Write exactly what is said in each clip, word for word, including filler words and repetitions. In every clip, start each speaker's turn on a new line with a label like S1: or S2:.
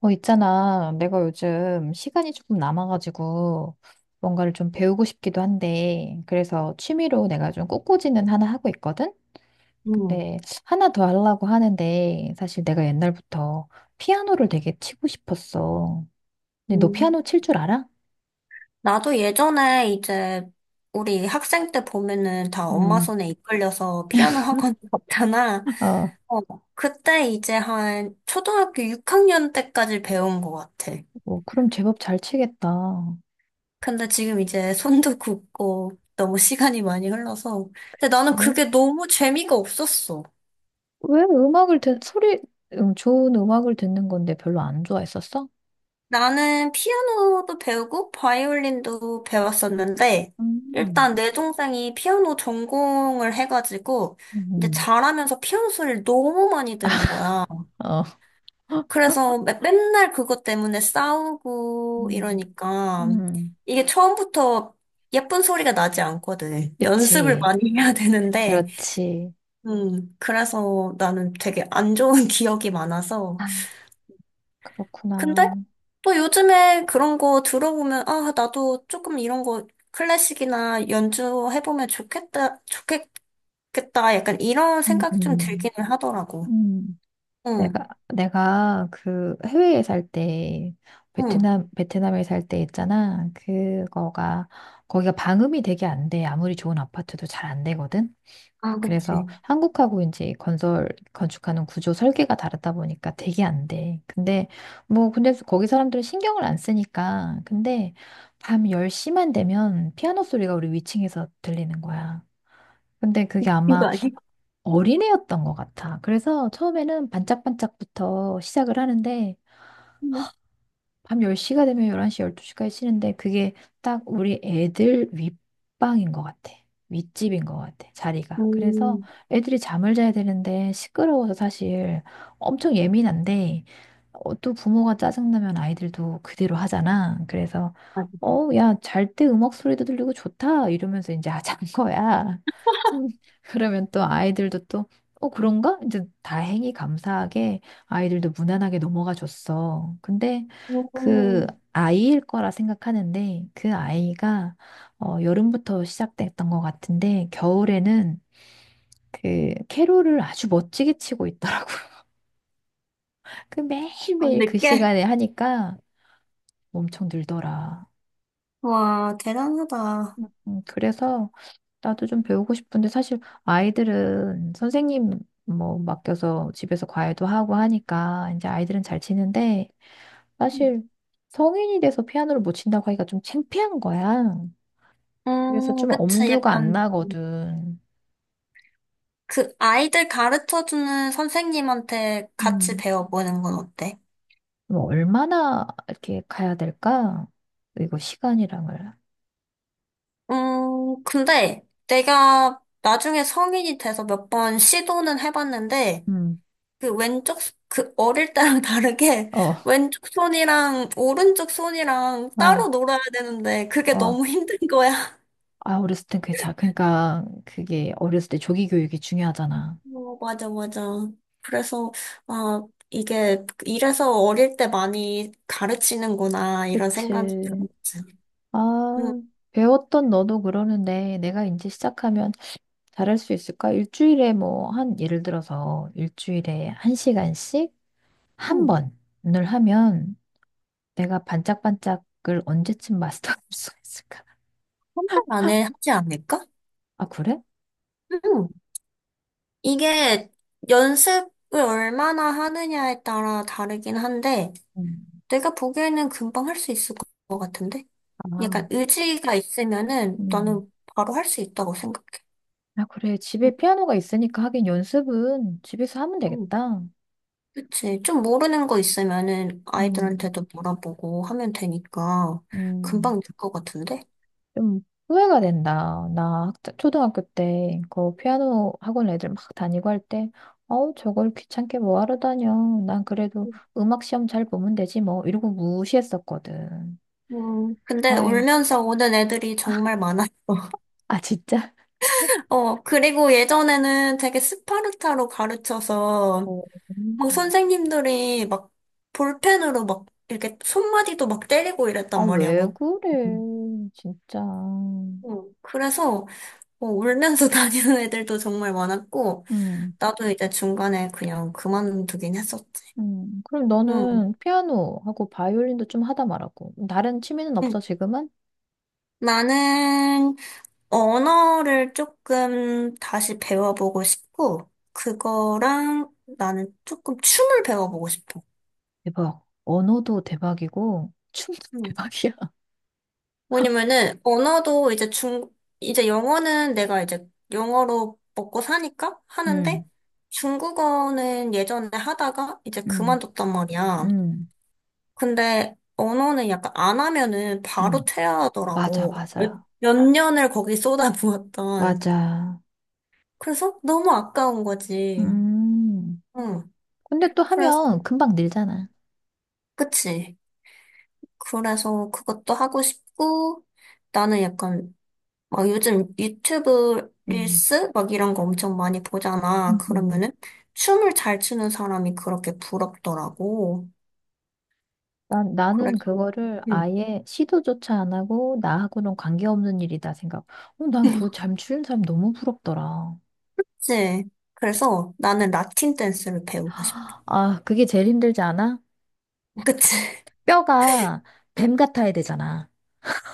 S1: 어, 있잖아. 내가 요즘 시간이 조금 남아가지고 뭔가를 좀 배우고 싶기도 한데, 그래서 취미로 내가 좀 꽃꽂이는 하나 하고 있거든?
S2: 음,
S1: 근데 하나 더 하려고 하는데, 사실 내가 옛날부터 피아노를 되게 치고 싶었어. 근데 너
S2: 음.
S1: 피아노 칠 줄 알아?
S2: 나도 예전에 이제 우리 학생 때 보면은 다 엄마
S1: 음,
S2: 손에 이끌려서 피아노 학원 갔잖아.
S1: 아,
S2: 어, 그때 이제 한 초등학교 육 학년 때까지 배운 것 같아.
S1: 어, 그럼 제법 잘 치겠다.
S2: 근데 지금 이제 손도 굳고 너무 시간이 많이 흘러서. 근데 나는
S1: 그치?
S2: 그게 너무 재미가 없었어.
S1: 왜 음악을 듣, 소리, 음, 좋은 음악을 듣는 건데 별로 안 좋아했었어?
S2: 나는 피아노도 배우고 바이올린도 배웠었는데,
S1: 음,
S2: 일단 내 동생이 피아노 전공을 해가지고, 이제
S1: 음,
S2: 잘하면서 피아노 소리를 너무 많이 들은 거야.
S1: 어.
S2: 그래서 매- 맨날 그것 때문에 싸우고 이러니까,
S1: 음,
S2: 이게 처음부터 예쁜 소리가 나지 않거든. 연습을
S1: 그치.
S2: 많이 해야 되는데,
S1: 그렇지.
S2: 음, 그래서 나는 되게 안 좋은 기억이 많아서,
S1: 아,
S2: 근데
S1: 그렇구나.
S2: 또 요즘에 그런 거 들어보면, 아, 나도 조금 이런 거 클래식이나 연주해보면 좋겠다, 좋겠겠다. 약간 이런
S1: 음,
S2: 생각이 좀
S1: 음,
S2: 들기는 하더라고.
S1: 음.
S2: 응,
S1: 내가, 내가 그 해외에 살 때,
S2: 응.
S1: 베트남, 베트남에 살 때 있잖아. 그거가, 거기가 방음이 되게 안 돼. 아무리 좋은 아파트도 잘 안 되거든.
S2: 아, 그치.
S1: 그래서 한국하고 이제 건설, 건축하는 구조 설계가 다르다 보니까 되게 안 돼. 근데, 뭐, 근데 거기 사람들은 신경을 안 쓰니까. 근데 밤 열 시만 되면 피아노 소리가 우리 위층에서 들리는 거야. 근데 그게
S2: 이거
S1: 아마
S2: 아직?
S1: 어린애였던 것 같아. 그래서 처음에는 반짝반짝부터 시작을 하는데
S2: 응.
S1: 밤 열 시가 되면 열한 시, 열두 시까지 쉬는데 그게 딱 우리 애들 윗방인 것 같아. 윗집인 것 같아, 자리가. 그래서
S2: 음,
S1: 애들이 잠을 자야 되는데 시끄러워서 사실 엄청 예민한데 어, 또 부모가 짜증나면 아이들도 그대로 하잖아. 그래서
S2: 아직.
S1: 어, 야, 잘 때 음악 소리도 들리고 좋다 이러면서 이제 아, 잔 거야. 음, 그러면 또 아이들도 또 어, 그런가? 이제 다행히 감사하게 아이들도 무난하게 넘어가 줬어. 근데 그
S2: 음,
S1: 아이일 거라 생각하는데 그 아이가 어, 여름부터 시작됐던 것 같은데 겨울에는 그 캐롤을 아주 멋지게 치고 있더라고요. 그
S2: 아,
S1: 매일매일 그
S2: 늦게?
S1: 시간에 하니까 엄청 늘더라.
S2: 와, 대단하다.
S1: 음, 그래서 나도 좀 배우고 싶은데 사실 아이들은 선생님 뭐 맡겨서 집에서 과외도 하고 하니까 이제 아이들은 잘 치는데
S2: 음,
S1: 사실 성인이 돼서 피아노를 못 친다고 하기가 좀 창피한 거야. 그래서
S2: 음,
S1: 좀
S2: 그치.
S1: 엄두가 안
S2: 약간
S1: 나거든.
S2: 그 아이들 가르쳐주는 선생님한테 같이
S1: 음,
S2: 배워보는 건 어때?
S1: 그럼 얼마나 이렇게 가야 될까? 이거 시간이랑을.
S2: 음, 근데 내가 나중에 성인이 돼서 몇 번 시도는 해봤는데,
S1: 음,
S2: 그 왼쪽, 손- 그 어릴 때랑 다르게
S1: 어,
S2: 왼쪽 손이랑 오른쪽 손이랑 따로
S1: 어,
S2: 놀아야 되는데, 그게
S1: 어.
S2: 너무 힘든 거야.
S1: 아, 어렸을 땐 그게 자. 그러니까 그게 어렸을 때 조기 교육이 중요하잖아.
S2: 어, 맞아, 맞아. 그래서, 아, 이게, 이래서 어릴 때 많이 가르치는구나, 이런 생각이
S1: 그치.
S2: 들었지.
S1: 아,
S2: 음,
S1: 배웠던 너도 그러는데 내가 이제 시작하면 잘할 수 있을까? 일주일에 뭐 한 예를 들어서 일주일에 한 시간씩 한
S2: 음,
S1: 번을 하면 내가 반짝반짝을 언제쯤 마스터할 수 있을까?
S2: 혼자 안에 하지 않을까?
S1: 아, 그래?
S2: 음. 이게 연습을 얼마나 하느냐에 따라 다르긴 한데,
S1: 음.
S2: 내가 보기에는 금방 할 수 있을 것 같은데?
S1: 아,
S2: 약간 의지가 있으면은
S1: 음.
S2: 나는 바로 할 수 있다고 생각해.
S1: 아, 그래.
S2: 음,
S1: 집에 피아노가 있으니까 하긴 연습은 집에서 하면
S2: 음.
S1: 되겠다.
S2: 그치. 좀 모르는 거 있으면은
S1: 음,
S2: 아이들한테도 물어보고 하면 되니까
S1: 음.
S2: 금방 될 것 같은데?
S1: 좀 후회가 된다. 나 학- 초등학교 때 그 피아노 학원 애들 막 다니고 할 때, 어우, 저걸 귀찮게 뭐 하러 다녀. 난 그래도 음악 시험 잘 보면 되지 뭐. 이러고 무시했었거든.
S2: 음, 근데
S1: 아유,
S2: 울면서 오는 애들이 정말 많아.
S1: 아, 진짜?
S2: 어, 그리고 예전에는 되게 스파르타로 가르쳐서
S1: 어.
S2: 막 선생님들이 막 볼펜으로 막 이렇게 손마디도 막 때리고
S1: 아,
S2: 이랬단 말이야.
S1: 왜
S2: 뭐.
S1: 그래, 진짜.
S2: 어, 그래서 어, 울면서 다니는 애들도 정말 많았고
S1: 음,
S2: 나도 이제 중간에 그냥 그만두긴 했었지.
S1: 음. 그럼
S2: 응,
S1: 너는 피아노하고 바이올린도 좀 하다 말았고, 다른 취미는
S2: 응.
S1: 없어, 지금은?
S2: 나는 언어를 조금 다시 배워보고 싶고 그거랑 나는 조금 춤을 배워보고 싶어.
S1: 대박. 언어도 대박이고, 춤도
S2: 응.
S1: 대박이야.
S2: 왜냐면은 언어도 이제 중 이제 영어는 내가 이제 영어로 먹고 사니까 하는데
S1: 음,
S2: 중국어는 예전에 하다가 이제
S1: 음,
S2: 그만뒀단 말이야.
S1: 음,
S2: 근데 언어는 약간 안 하면은 바로
S1: 음. 맞아,
S2: 퇴화하더라고. 몇,
S1: 맞아.
S2: 몇 년을 거기 쏟아부었던.
S1: 맞아.
S2: 그래서 너무 아까운 거지.
S1: 음.
S2: 응.
S1: 근데 또
S2: 그래서
S1: 하면 금방 늘잖아.
S2: 그치. 그래서 그것도 하고 싶고 나는 약간 막 요즘 유튜브
S1: 음,
S2: 릴스 막 이런 거 엄청 많이 보잖아.
S1: 음, 음.
S2: 그러면은 춤을 잘 추는 사람이 그렇게 부럽더라고.
S1: 난, 나는
S2: 그래서
S1: 그거를
S2: 응.
S1: 아예 시도조차 안 하고 나하고는 관계없는 일이다 생각. 어, 난그 잠추는 사람 너무 부럽더라.
S2: 그치. 그래서 나는 라틴 댄스를 배우고 싶어.
S1: 아, 그게 제일 힘들지 않아?
S2: 그치?
S1: 뼈가 뱀 같아야 되잖아.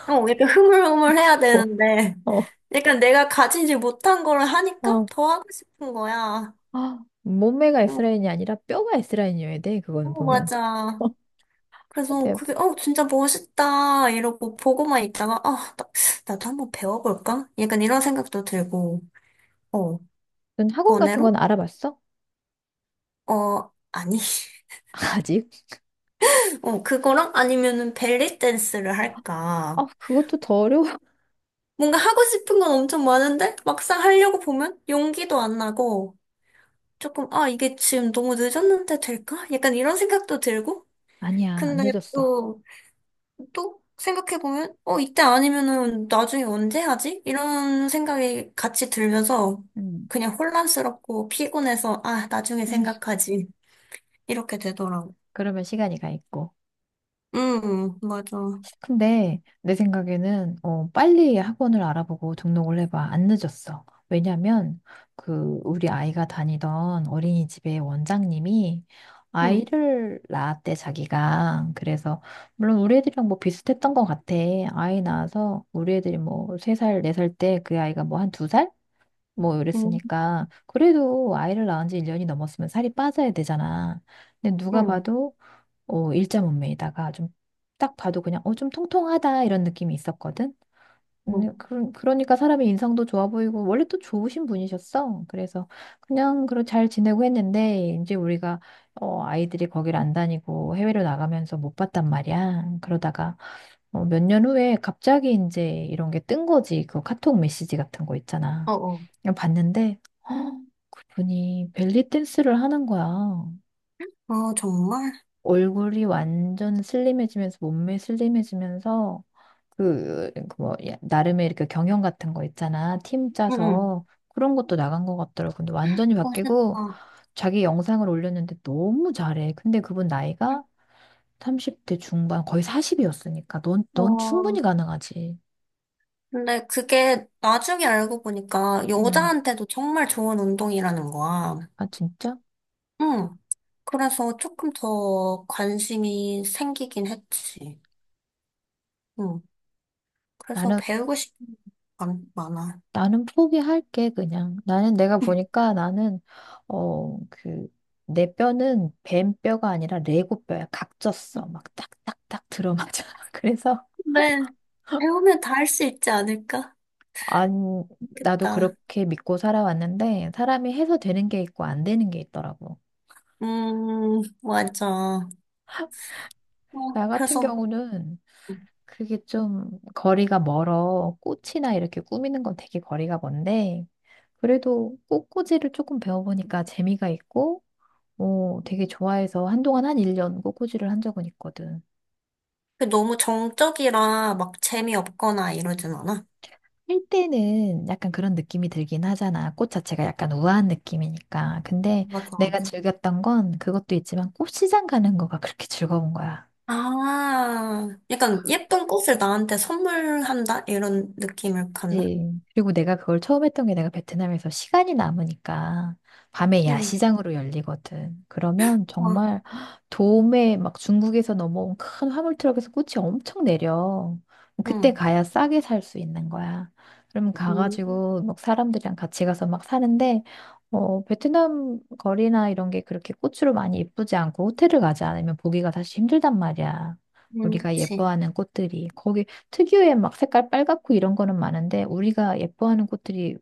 S2: 어, 약간 흐물흐물해야
S1: 어,
S2: 되는데
S1: 어,
S2: 약간 내가 가지지 못한 거를 하니까
S1: 어.
S2: 더 하고 싶은 거야.
S1: 아, 몸매가
S2: 응.
S1: S라인이 아니라 뼈가 S라인이어야 돼, 그거는
S2: 어,
S1: 보면.
S2: 맞아.
S1: 어,
S2: 그래서
S1: 네.
S2: 그게 어 진짜 멋있다 이러고 보고만 있다가 아 나- 나도 한번 배워볼까? 약간 이런 생각도 들고. 어,
S1: 넌 학원 같은
S2: 번외로?
S1: 건 알아봤어?
S2: 어, 아니.
S1: 아직?
S2: 어, 그거랑 아니면은 벨리 댄스를 할까.
S1: 아, 그것도 더 어려워.
S2: 뭔가 하고 싶은 건 엄청 많은데 막상 하려고 보면 용기도 안 나고 조금 아, 이게 지금 너무 늦었는데 될까? 약간 이런 생각도 들고.
S1: 아니야, 안
S2: 근데
S1: 늦었어.
S2: 또, 또 생각해보면 어, 이때 아니면은 나중에 언제 하지? 이런 생각이 같이 들면서
S1: 음,
S2: 그냥 혼란스럽고 피곤해서 아, 나중에
S1: 음.
S2: 생각하지. 이렇게 되더라고.
S1: 그러면 시간이 가 있고.
S2: 음, 맞아.
S1: 근데 내 생각에는 어, 빨리 학원을 알아보고 등록을 해봐. 안 늦었어. 왜냐면 그 우리 아이가 다니던 어린이집의 원장님이
S2: 음.
S1: 아이를 낳았대 자기가. 그래서 물론 우리 애들이랑 뭐 비슷했던 것 같아. 아이 낳아서 우리 애들이 뭐 세 살 네 살 때 그 아이가 뭐 한 두 살 뭐
S2: 음.
S1: 이랬으니까 그래도 아이를 낳은 지 일 년이 넘었으면 살이 빠져야 되잖아. 근데 누가
S2: 응,
S1: 봐도 어, 일자 몸매에다가 좀 딱 봐도 그냥 어, 좀 통통하다 이런 느낌이 있었거든.
S2: 응,
S1: 음, 그러, 그러니까 사람의 인상도 좋아 보이고 원래 또 좋으신 분이셨어. 그래서 그냥 그런 잘 지내고 했는데 이제 우리가 어, 아이들이 거기를 안 다니고 해외로 나가면서 못 봤단 말이야. 그러다가 어, 몇 년 후에 갑자기 이제 이런 게 뜬 거지. 그 카톡 메시지 같은 거 있잖아.
S2: 어, 어,
S1: 그냥 봤는데, 헉, 그분이 벨리 댄스를 하는 거야.
S2: 아, 정말?
S1: 얼굴이 완전 슬림해지면서 몸매 슬림해지면서 그 그 뭐 나름의 이렇게 경영 같은 거 있잖아, 팀
S2: 응, 응.
S1: 짜서 그런 것도 나간 것 같더라고. 근데 완전히 바뀌고
S2: 멋있다.
S1: 자기 영상을 올렸는데 너무 잘해. 근데 그분 나이가
S2: 응.
S1: 삼십 대 중반 거의 사십이었으니까 넌 넌
S2: 어,
S1: 충분히 가능하지.
S2: 근데 그게 나중에 알고 보니까
S1: 음.
S2: 여자한테도 정말 좋은 운동이라는 거야.
S1: 아, 진짜.
S2: 응. 그래서 조금 더 관심이 생기긴 했지. 응. 그래서
S1: 나는
S2: 배우고 싶은 게 많- 많아.
S1: 나는 포기할게, 그냥. 나는 내가 보니까 나는, 어, 그, 내 뼈는 뱀뼈가 아니라 레고뼈야. 각졌어. 막 딱딱딱 들어맞아. 그래서,
S2: 네. 배우면 다 할 수 있지 않을까?
S1: 안, 나도
S2: 좋겠다.
S1: 그렇게 믿고 살아왔는데, 사람이 해서 되는 게 있고 안 되는 게 있더라고.
S2: 음, 맞아. 어,
S1: 나 같은
S2: 그래서
S1: 경우는 그게 좀 거리가 멀어. 꽃이나 이렇게 꾸미는 건 되게 거리가 먼데, 그래도 꽃꽂이를 조금 배워보니까 재미가 있고, 어, 되게 좋아해서 한동안 한 일 년 꽃꽂이를 한 적은 있거든.
S2: 그 너무 정적이라 막 재미없거나 이러진 않아.
S1: 할 때는 약간 그런 느낌이 들긴 하잖아. 꽃 자체가 약간 우아한 느낌이니까. 근데
S2: 맞아, 맞아.
S1: 내가 즐겼던 건 그것도 있지만 꽃시장 가는 거가 그렇게 즐거운 거야.
S2: 아, 약간 예쁜 꽃을 나한테 선물한다? 이런 느낌을 갖나?
S1: 그치. 그리고 내가 그걸 처음 했던 게 내가 베트남에서 시간이 남으니까 밤에
S2: 응,
S1: 야시장으로 열리거든. 그러면
S2: 와,
S1: 정말 도매 막 중국에서 넘어온 큰 화물 트럭에서 꽃이 엄청 내려. 그때
S2: 응,
S1: 가야 싸게 살 수 있는 거야. 그러면
S2: 응,
S1: 가가지고 막 사람들이랑 같이 가서 막 사는데 어, 베트남 거리나 이런 게 그렇게 꽃으로 많이 예쁘지 않고 호텔을 가지 않으면 보기가 사실 힘들단 말이야.
S2: 응,
S1: 우리가
S2: 그치.
S1: 예뻐하는 꽃들이 거기 특유의 막 색깔 빨갛고 이런 거는 많은데 우리가 예뻐하는 꽃들이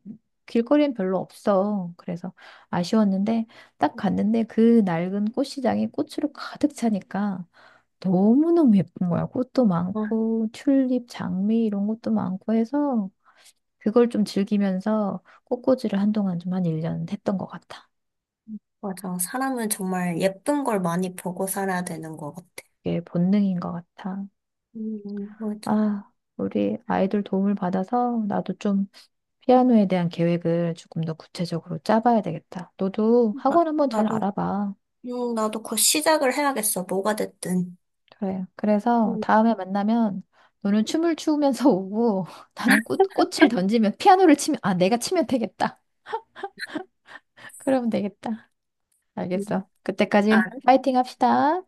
S1: 길거리엔 별로 없어. 그래서 아쉬웠는데 딱 갔는데 그 낡은 꽃시장이 꽃으로 가득 차니까 너무너무 예쁜 거야. 꽃도
S2: 와,
S1: 많고 튤립, 장미 이런 것도 많고 해서 그걸 좀 즐기면서 꽃꽂이를 한동안 좀 한 일 년 했던 것 같아.
S2: 맞아. 사람은 정말 예쁜 걸 많이 보고 살아야 되는 것 같아.
S1: 이게 본능인 것 같아.
S2: 응, 맞아.
S1: 아, 우리 아이들 도움을 받아서 나도 좀 피아노에 대한 계획을 조금 더 구체적으로 짜봐야 되겠다. 너도
S2: 나,
S1: 학원 한번 잘
S2: 나도,
S1: 알아봐.
S2: 응, 나도 곧 시작을 해야겠어. 뭐가 됐든.
S1: 그래. 그래서
S2: 응,
S1: 다음에 만나면 너는 춤을 추면서 오고 나는 꽃, 꽃을 던지면 피아노를 치면, 아, 내가 치면 되겠다. 그러면 되겠다.
S2: 응.
S1: 알겠어. 그때까지
S2: 알았어.
S1: 파이팅 합시다.